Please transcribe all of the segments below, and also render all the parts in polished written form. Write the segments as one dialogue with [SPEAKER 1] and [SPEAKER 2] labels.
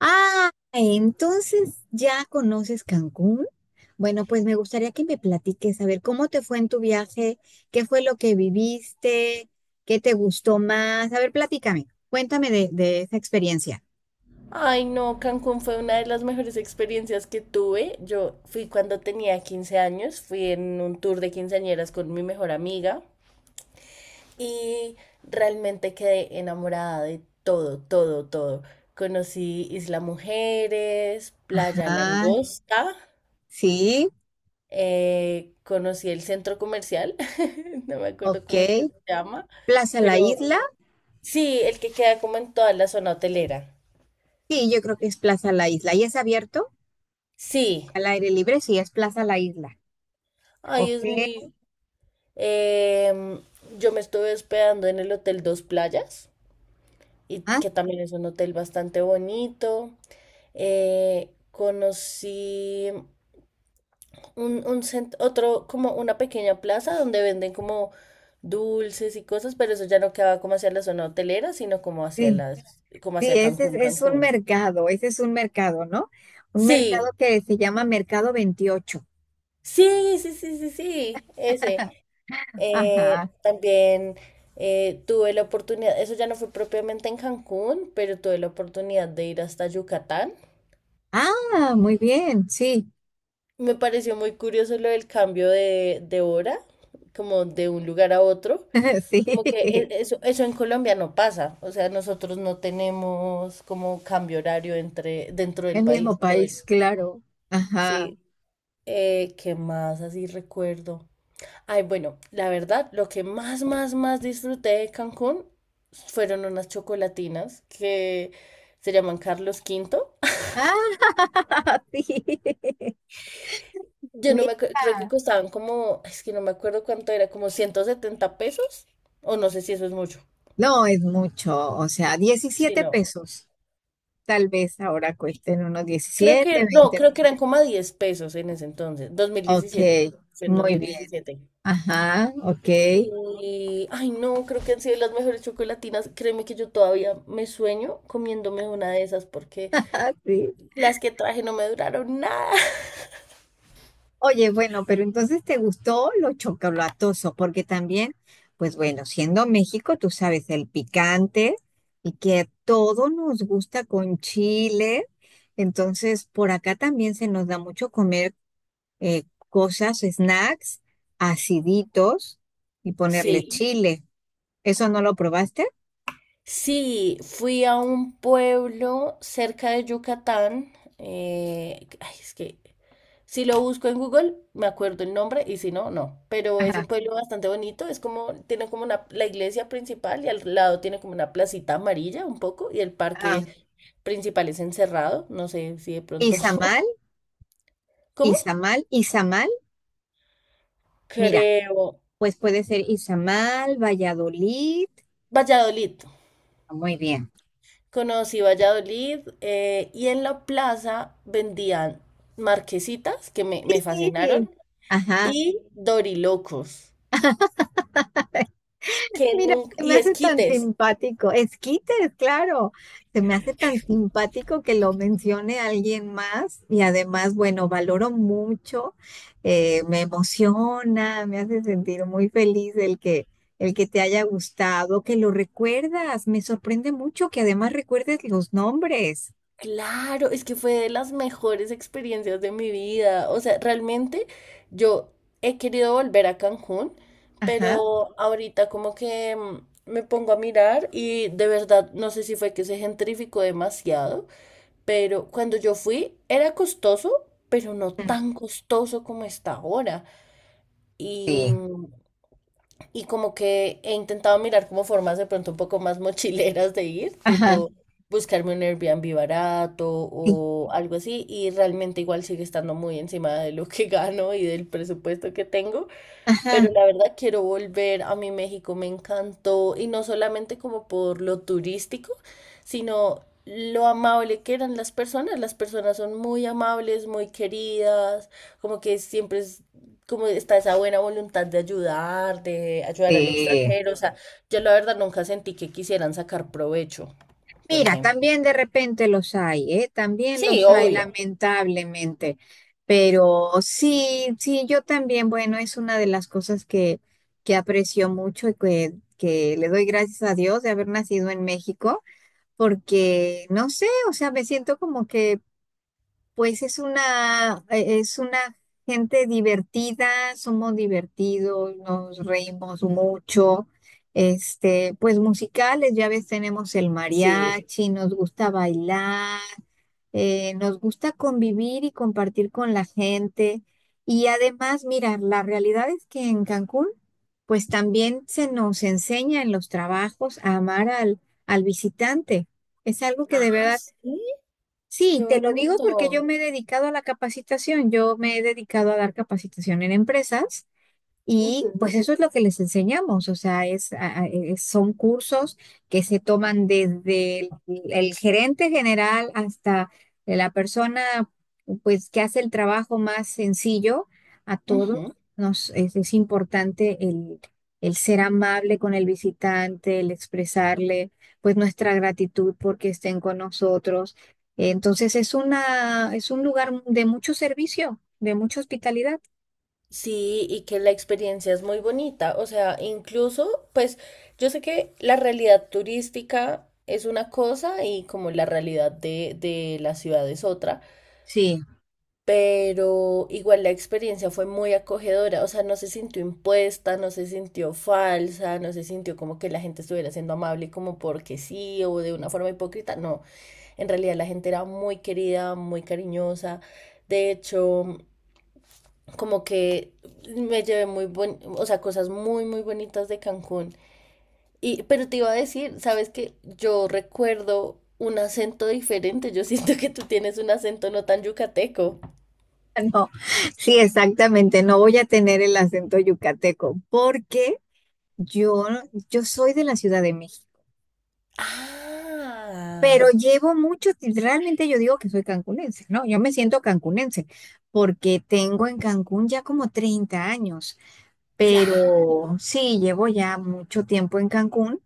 [SPEAKER 1] Ah, entonces ya conoces Cancún. Bueno, pues me gustaría que me platiques, a ver, ¿cómo te fue en tu viaje? ¿Qué fue lo que viviste? ¿Qué te gustó más? A ver, platícame, cuéntame de esa experiencia.
[SPEAKER 2] Ay, no, Cancún fue una de las mejores experiencias que tuve. Yo fui cuando tenía 15 años, fui en un tour de quinceañeras con mi mejor amiga y realmente quedé enamorada de todo, todo, todo. Conocí Isla Mujeres, Playa
[SPEAKER 1] Ah,
[SPEAKER 2] Langosta,
[SPEAKER 1] sí,
[SPEAKER 2] conocí el centro comercial, no me acuerdo
[SPEAKER 1] ok.
[SPEAKER 2] cómo es que se llama,
[SPEAKER 1] Plaza La
[SPEAKER 2] pero
[SPEAKER 1] Isla.
[SPEAKER 2] sí, el que queda como en toda la zona hotelera.
[SPEAKER 1] Sí, yo creo que es Plaza La Isla. ¿Y es abierto
[SPEAKER 2] Sí,
[SPEAKER 1] al aire libre? Sí, es Plaza La Isla.
[SPEAKER 2] ay,
[SPEAKER 1] Ok.
[SPEAKER 2] es muy. Em, yo me estuve hospedando en el Hotel Dos Playas, y
[SPEAKER 1] Ah,
[SPEAKER 2] que también es un hotel bastante bonito. Conocí otro, como una pequeña plaza donde venden como dulces y cosas, pero eso ya no quedaba como hacia la zona hotelera, sino como hacia
[SPEAKER 1] sí,
[SPEAKER 2] las, como
[SPEAKER 1] sí,
[SPEAKER 2] hacia
[SPEAKER 1] ese
[SPEAKER 2] Cancún,
[SPEAKER 1] es un
[SPEAKER 2] Cancún.
[SPEAKER 1] mercado, ese es un mercado, ¿no? Un mercado
[SPEAKER 2] Sí,
[SPEAKER 1] que se llama Mercado 28.
[SPEAKER 2] sí, sí, sí, sí, sí, ese. Eh,
[SPEAKER 1] Ajá.
[SPEAKER 2] también tuve la oportunidad, eso ya no fue propiamente en Cancún, pero tuve la oportunidad de ir hasta Yucatán.
[SPEAKER 1] Ah, muy bien, sí,
[SPEAKER 2] Me pareció muy curioso lo del cambio de hora, como de un lugar a otro. Como que
[SPEAKER 1] sí,
[SPEAKER 2] eso en Colombia no pasa. O sea, nosotros no tenemos como cambio horario entre, dentro del
[SPEAKER 1] el mismo
[SPEAKER 2] país. Todo el-.
[SPEAKER 1] país, claro. Ajá.
[SPEAKER 2] Sí. ¿Qué más así recuerdo? Ay, bueno, la verdad, lo que más, más, más disfruté de Cancún fueron unas chocolatinas que se llaman Carlos Quinto.
[SPEAKER 1] Ah, sí.
[SPEAKER 2] Yo no me acuerdo, creo que
[SPEAKER 1] Mira,
[SPEAKER 2] costaban como, es que no me acuerdo cuánto era, como 170 pesos, o no sé si eso es mucho.
[SPEAKER 1] no es mucho, o sea,
[SPEAKER 2] Sí,
[SPEAKER 1] diecisiete
[SPEAKER 2] no.
[SPEAKER 1] pesos. Tal vez ahora cuesten unos
[SPEAKER 2] Creo que,
[SPEAKER 1] 17
[SPEAKER 2] no,
[SPEAKER 1] 20
[SPEAKER 2] creo que
[SPEAKER 1] pesos.
[SPEAKER 2] eran como a 10 pesos en ese entonces, dos mil
[SPEAKER 1] Ok,
[SPEAKER 2] diecisiete. Fue en dos
[SPEAKER 1] muy
[SPEAKER 2] mil
[SPEAKER 1] bien.
[SPEAKER 2] diecisiete.
[SPEAKER 1] Ajá, ok.
[SPEAKER 2] Y, ay, no, creo que han sido las mejores chocolatinas. Créeme que yo todavía me sueño comiéndome una de esas porque
[SPEAKER 1] Sí.
[SPEAKER 2] las que traje no me duraron nada.
[SPEAKER 1] Oye, bueno, pero entonces te gustó lo chocolatoso, porque también, pues bueno, siendo México, tú sabes, el picante y que a todo nos gusta con chile, entonces por acá también se nos da mucho comer eh, cosas, snacks, aciditos y ponerle
[SPEAKER 2] Sí.
[SPEAKER 1] chile. ¿Eso no lo probaste?
[SPEAKER 2] Sí, fui a un pueblo cerca de Yucatán. Ay, es que si lo busco en Google, me acuerdo el nombre y si no, no. Pero es un
[SPEAKER 1] Ajá.
[SPEAKER 2] pueblo bastante bonito. Es como, tiene como una, la iglesia principal y al lado tiene como una placita amarilla un poco y el
[SPEAKER 1] Ah,
[SPEAKER 2] parque principal es encerrado. No sé si de pronto.
[SPEAKER 1] Izamal,
[SPEAKER 2] ¿Cómo?
[SPEAKER 1] Izamal, Izamal. Mira,
[SPEAKER 2] Creo.
[SPEAKER 1] pues puede ser Izamal, Valladolid.
[SPEAKER 2] Valladolid.
[SPEAKER 1] Muy bien.
[SPEAKER 2] Conocí Valladolid y en la plaza vendían marquesitas que me fascinaron
[SPEAKER 1] Sí. Ajá.
[SPEAKER 2] y dorilocos, que
[SPEAKER 1] Mira,
[SPEAKER 2] nunca,
[SPEAKER 1] se me
[SPEAKER 2] y
[SPEAKER 1] hace tan
[SPEAKER 2] esquites.
[SPEAKER 1] simpático. Esquites, claro. Se me hace tan simpático que lo mencione alguien más y además, bueno, valoro mucho, me emociona, me hace sentir muy feliz el que te haya gustado, que lo recuerdas. Me sorprende mucho que además recuerdes los nombres.
[SPEAKER 2] Claro, es que fue de las mejores experiencias de mi vida. O sea, realmente yo he querido volver a Cancún,
[SPEAKER 1] Ajá.
[SPEAKER 2] pero ahorita como que me pongo a mirar y de verdad no sé si fue que se gentrificó demasiado. Pero cuando yo fui era costoso, pero no tan costoso como está ahora. Y,
[SPEAKER 1] Sí.
[SPEAKER 2] mm, y como que he intentado mirar como formas de pronto un poco más mochileras de ir,
[SPEAKER 1] Ajá.
[SPEAKER 2] tipo buscarme un Airbnb barato
[SPEAKER 1] Sí.
[SPEAKER 2] o algo así. Y realmente igual sigue estando muy encima de lo que gano y del presupuesto que tengo. Pero
[SPEAKER 1] Ajá.
[SPEAKER 2] la verdad quiero volver a mi México, me encantó, y no solamente como por lo turístico, sino lo amable que eran las personas. Las personas son muy amables, muy queridas, como que siempre es, como está esa buena voluntad de ayudar, al
[SPEAKER 1] Sí.
[SPEAKER 2] extranjero. O sea, yo la verdad nunca sentí que quisieran sacar provecho, por
[SPEAKER 1] Mira,
[SPEAKER 2] ejemplo.
[SPEAKER 1] también de repente los hay, ¿eh? También
[SPEAKER 2] Sí,
[SPEAKER 1] los hay,
[SPEAKER 2] obvio.
[SPEAKER 1] lamentablemente. Pero sí, sí, yo también, bueno, es una de las cosas que aprecio mucho y que le doy gracias a Dios de haber nacido en México, porque no sé, o sea, me siento como que pues es una, gente divertida, somos divertidos, nos reímos mucho. Este, pues musicales, ya ves, tenemos el
[SPEAKER 2] Sí.
[SPEAKER 1] mariachi, nos gusta bailar, nos gusta convivir y compartir con la gente. Y además, mira, la realidad es que en Cancún, pues también se nos enseña en los trabajos a amar al, al visitante. Es algo que de
[SPEAKER 2] Ah,
[SPEAKER 1] verdad
[SPEAKER 2] sí,
[SPEAKER 1] Sí,
[SPEAKER 2] qué
[SPEAKER 1] te lo digo porque
[SPEAKER 2] bonito.
[SPEAKER 1] yo me he dedicado a la capacitación, yo me he dedicado a dar capacitación en empresas. Y
[SPEAKER 2] Ujú.
[SPEAKER 1] pues eso es lo que les enseñamos, o sea, es, son cursos que se toman desde el gerente general hasta la persona pues que hace el trabajo más sencillo. A todos
[SPEAKER 2] Ujú.
[SPEAKER 1] nos es importante el ser amable con el visitante, el expresarle pues nuestra gratitud porque estén con nosotros. Entonces es una, es un lugar de mucho servicio, de mucha hospitalidad.
[SPEAKER 2] Sí, y que la experiencia es muy bonita. O sea, incluso, pues yo sé que la realidad turística es una cosa y como la realidad de la ciudad es otra,
[SPEAKER 1] Sí,
[SPEAKER 2] pero igual la experiencia fue muy acogedora. O sea, no se sintió impuesta, no se sintió falsa, no se sintió como que la gente estuviera siendo amable como porque sí o de una forma hipócrita. No, en realidad la gente era muy querida, muy cariñosa. De hecho como que me llevé muy o sea, cosas muy, muy bonitas de Cancún. Pero te iba a decir, sabes que yo recuerdo un acento diferente. Yo siento que tú tienes un acento no tan yucateco.
[SPEAKER 1] no, sí, exactamente. No voy a tener el acento yucateco porque yo, yo soy de la Ciudad de México, pero
[SPEAKER 2] Ah,
[SPEAKER 1] llevo mucho, realmente yo digo que soy cancunense, ¿no? Yo me siento cancunense porque tengo en Cancún ya como 30 años, pero
[SPEAKER 2] claro.
[SPEAKER 1] sí, llevo ya mucho tiempo en Cancún.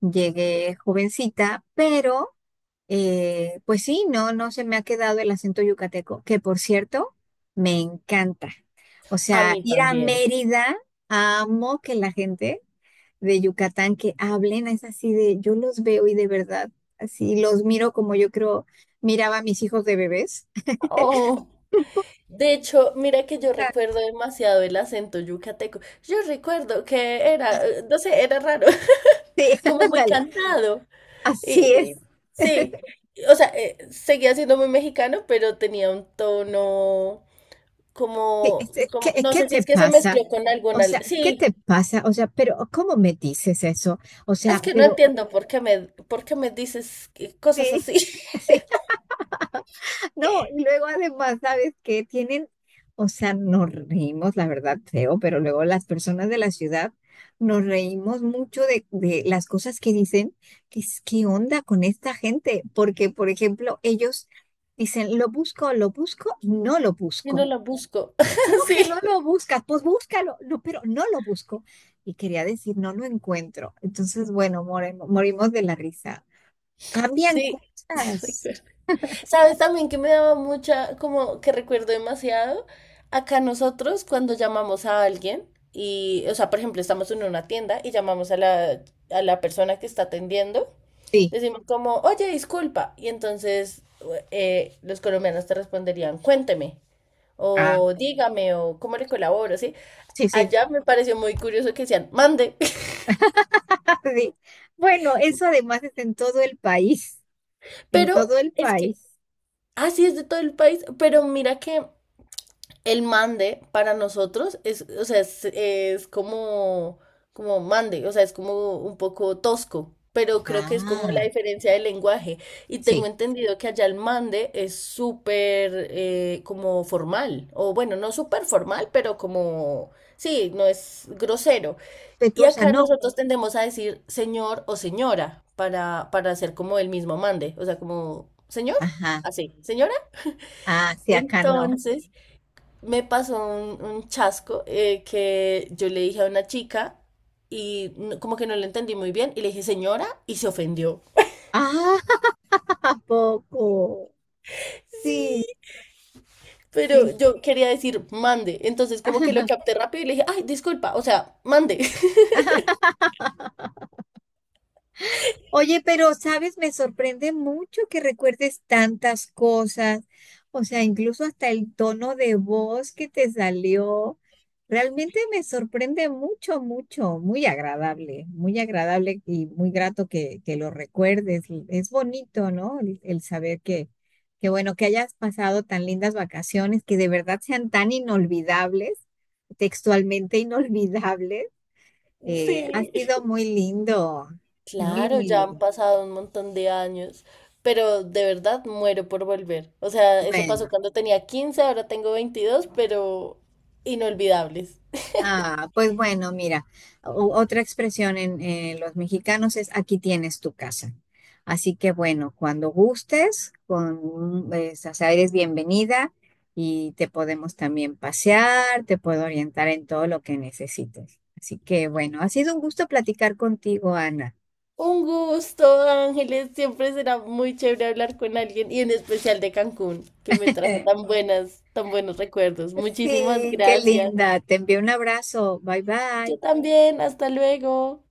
[SPEAKER 1] Llegué jovencita, pero Pues sí, no, no se me ha quedado el acento yucateco, que por cierto, me encanta. O
[SPEAKER 2] A
[SPEAKER 1] sea,
[SPEAKER 2] mí
[SPEAKER 1] ir a
[SPEAKER 2] también.
[SPEAKER 1] Mérida, amo que la gente de Yucatán que hablen, es así de, yo los veo y de verdad, así los miro como yo creo, miraba a mis hijos de bebés.
[SPEAKER 2] Oh. De hecho, mira que yo recuerdo demasiado el acento yucateco. Yo recuerdo que era, no sé, era raro,
[SPEAKER 1] Sí,
[SPEAKER 2] como muy
[SPEAKER 1] ándale,
[SPEAKER 2] cantado.
[SPEAKER 1] así es.
[SPEAKER 2] Y, y- sí, o sea, seguía siendo muy mexicano, pero tenía un tono
[SPEAKER 1] Sí,
[SPEAKER 2] como,
[SPEAKER 1] es
[SPEAKER 2] como,
[SPEAKER 1] que-
[SPEAKER 2] no
[SPEAKER 1] ¿Qué,
[SPEAKER 2] sé si
[SPEAKER 1] te
[SPEAKER 2] es que se
[SPEAKER 1] pasa?
[SPEAKER 2] mezcló con
[SPEAKER 1] O
[SPEAKER 2] alguna.
[SPEAKER 1] sea, ¿qué te
[SPEAKER 2] Sí,
[SPEAKER 1] pasa? O sea, pero ¿cómo me dices eso? O
[SPEAKER 2] es
[SPEAKER 1] sea,
[SPEAKER 2] que no
[SPEAKER 1] pero
[SPEAKER 2] entiendo por qué me dices cosas
[SPEAKER 1] sí,
[SPEAKER 2] así.
[SPEAKER 1] sí. No, y luego además, ¿sabes qué? O sea, nos reímos, la verdad, feo, pero luego las personas de la ciudad nos reímos mucho de las cosas que dicen, que es, ¿qué onda con esta gente? Porque, por ejemplo, ellos dicen, lo busco y no lo
[SPEAKER 2] y no
[SPEAKER 1] busco.
[SPEAKER 2] la busco.
[SPEAKER 1] ¿Cómo que no lo buscas? Pues búscalo, no, pero no lo busco. Y quería decir, no lo encuentro. Entonces, bueno, morimos de la risa. Cambian
[SPEAKER 2] Sí, sí.
[SPEAKER 1] cosas.
[SPEAKER 2] ¿Sabes también que me daba mucha, como que recuerdo demasiado? Acá nosotros cuando llamamos a alguien y, o sea, por ejemplo, estamos en una tienda y llamamos a la persona que está atendiendo,
[SPEAKER 1] Sí,
[SPEAKER 2] decimos como, oye, disculpa. Y entonces los colombianos te responderían, cuénteme,
[SPEAKER 1] ah,
[SPEAKER 2] o dígame, o cómo le colaboro, ¿sí?
[SPEAKER 1] sí, sí,
[SPEAKER 2] Allá me pareció muy curioso que decían, mande.
[SPEAKER 1] sí. Bueno, eso además es en todo el país, en todo
[SPEAKER 2] Pero
[SPEAKER 1] el
[SPEAKER 2] es que
[SPEAKER 1] país.
[SPEAKER 2] así es de todo el país, pero mira que el mande para nosotros es, o sea, es como, mande, o sea, es como un poco tosco, pero creo que es como la
[SPEAKER 1] Ah,
[SPEAKER 2] diferencia del lenguaje. Y
[SPEAKER 1] sí.
[SPEAKER 2] tengo entendido que allá el mande es súper como formal, o bueno, no súper formal, pero como, sí, no es grosero. Y
[SPEAKER 1] Respetuosa,
[SPEAKER 2] acá
[SPEAKER 1] no.
[SPEAKER 2] nosotros tendemos a decir señor o señora para hacer como el mismo mande, o sea, como señor,
[SPEAKER 1] Ajá.
[SPEAKER 2] así, señora.
[SPEAKER 1] Ah, sí, acá no.
[SPEAKER 2] Entonces me pasó un chasco que yo le dije a una chica como que no lo entendí muy bien y le dije señora y se ofendió.
[SPEAKER 1] Ah, ¿a poco. Sí,
[SPEAKER 2] Pero
[SPEAKER 1] sí.
[SPEAKER 2] yo quería decir mande, entonces como que lo capté rápido y le dije, ay, disculpa, o sea, mande.
[SPEAKER 1] Oye, pero sabes, me sorprende mucho que recuerdes tantas cosas, o sea, incluso hasta el tono de voz que te salió. Realmente me sorprende mucho, mucho, muy agradable y muy grato que lo recuerdes. Es bonito, ¿no? El saber que, bueno, que hayas pasado tan lindas vacaciones, que de verdad sean tan inolvidables, textualmente inolvidables. Ha
[SPEAKER 2] Sí.
[SPEAKER 1] sido muy lindo, muy,
[SPEAKER 2] Claro,
[SPEAKER 1] muy
[SPEAKER 2] ya han
[SPEAKER 1] lindo.
[SPEAKER 2] pasado un montón de años, pero de verdad muero por volver. O sea, eso pasó
[SPEAKER 1] Bueno,
[SPEAKER 2] cuando tenía quince, ahora tengo 22, pero inolvidables.
[SPEAKER 1] ah, pues bueno, mira, otra expresión en los mexicanos es aquí tienes tu casa. Así que bueno, cuando gustes, o sea, eres bienvenida y te podemos también pasear, te puedo orientar en todo lo que necesites. Así que bueno, ha sido un gusto platicar contigo, Ana.
[SPEAKER 2] Un gusto, Ángeles. Siempre será muy chévere hablar con alguien y en especial de Cancún, que me trajo tan buenas, tan buenos recuerdos. Muchísimas
[SPEAKER 1] Sí, qué
[SPEAKER 2] gracias.
[SPEAKER 1] linda. Te envío un abrazo. Bye
[SPEAKER 2] Yo
[SPEAKER 1] bye.
[SPEAKER 2] también. Hasta luego.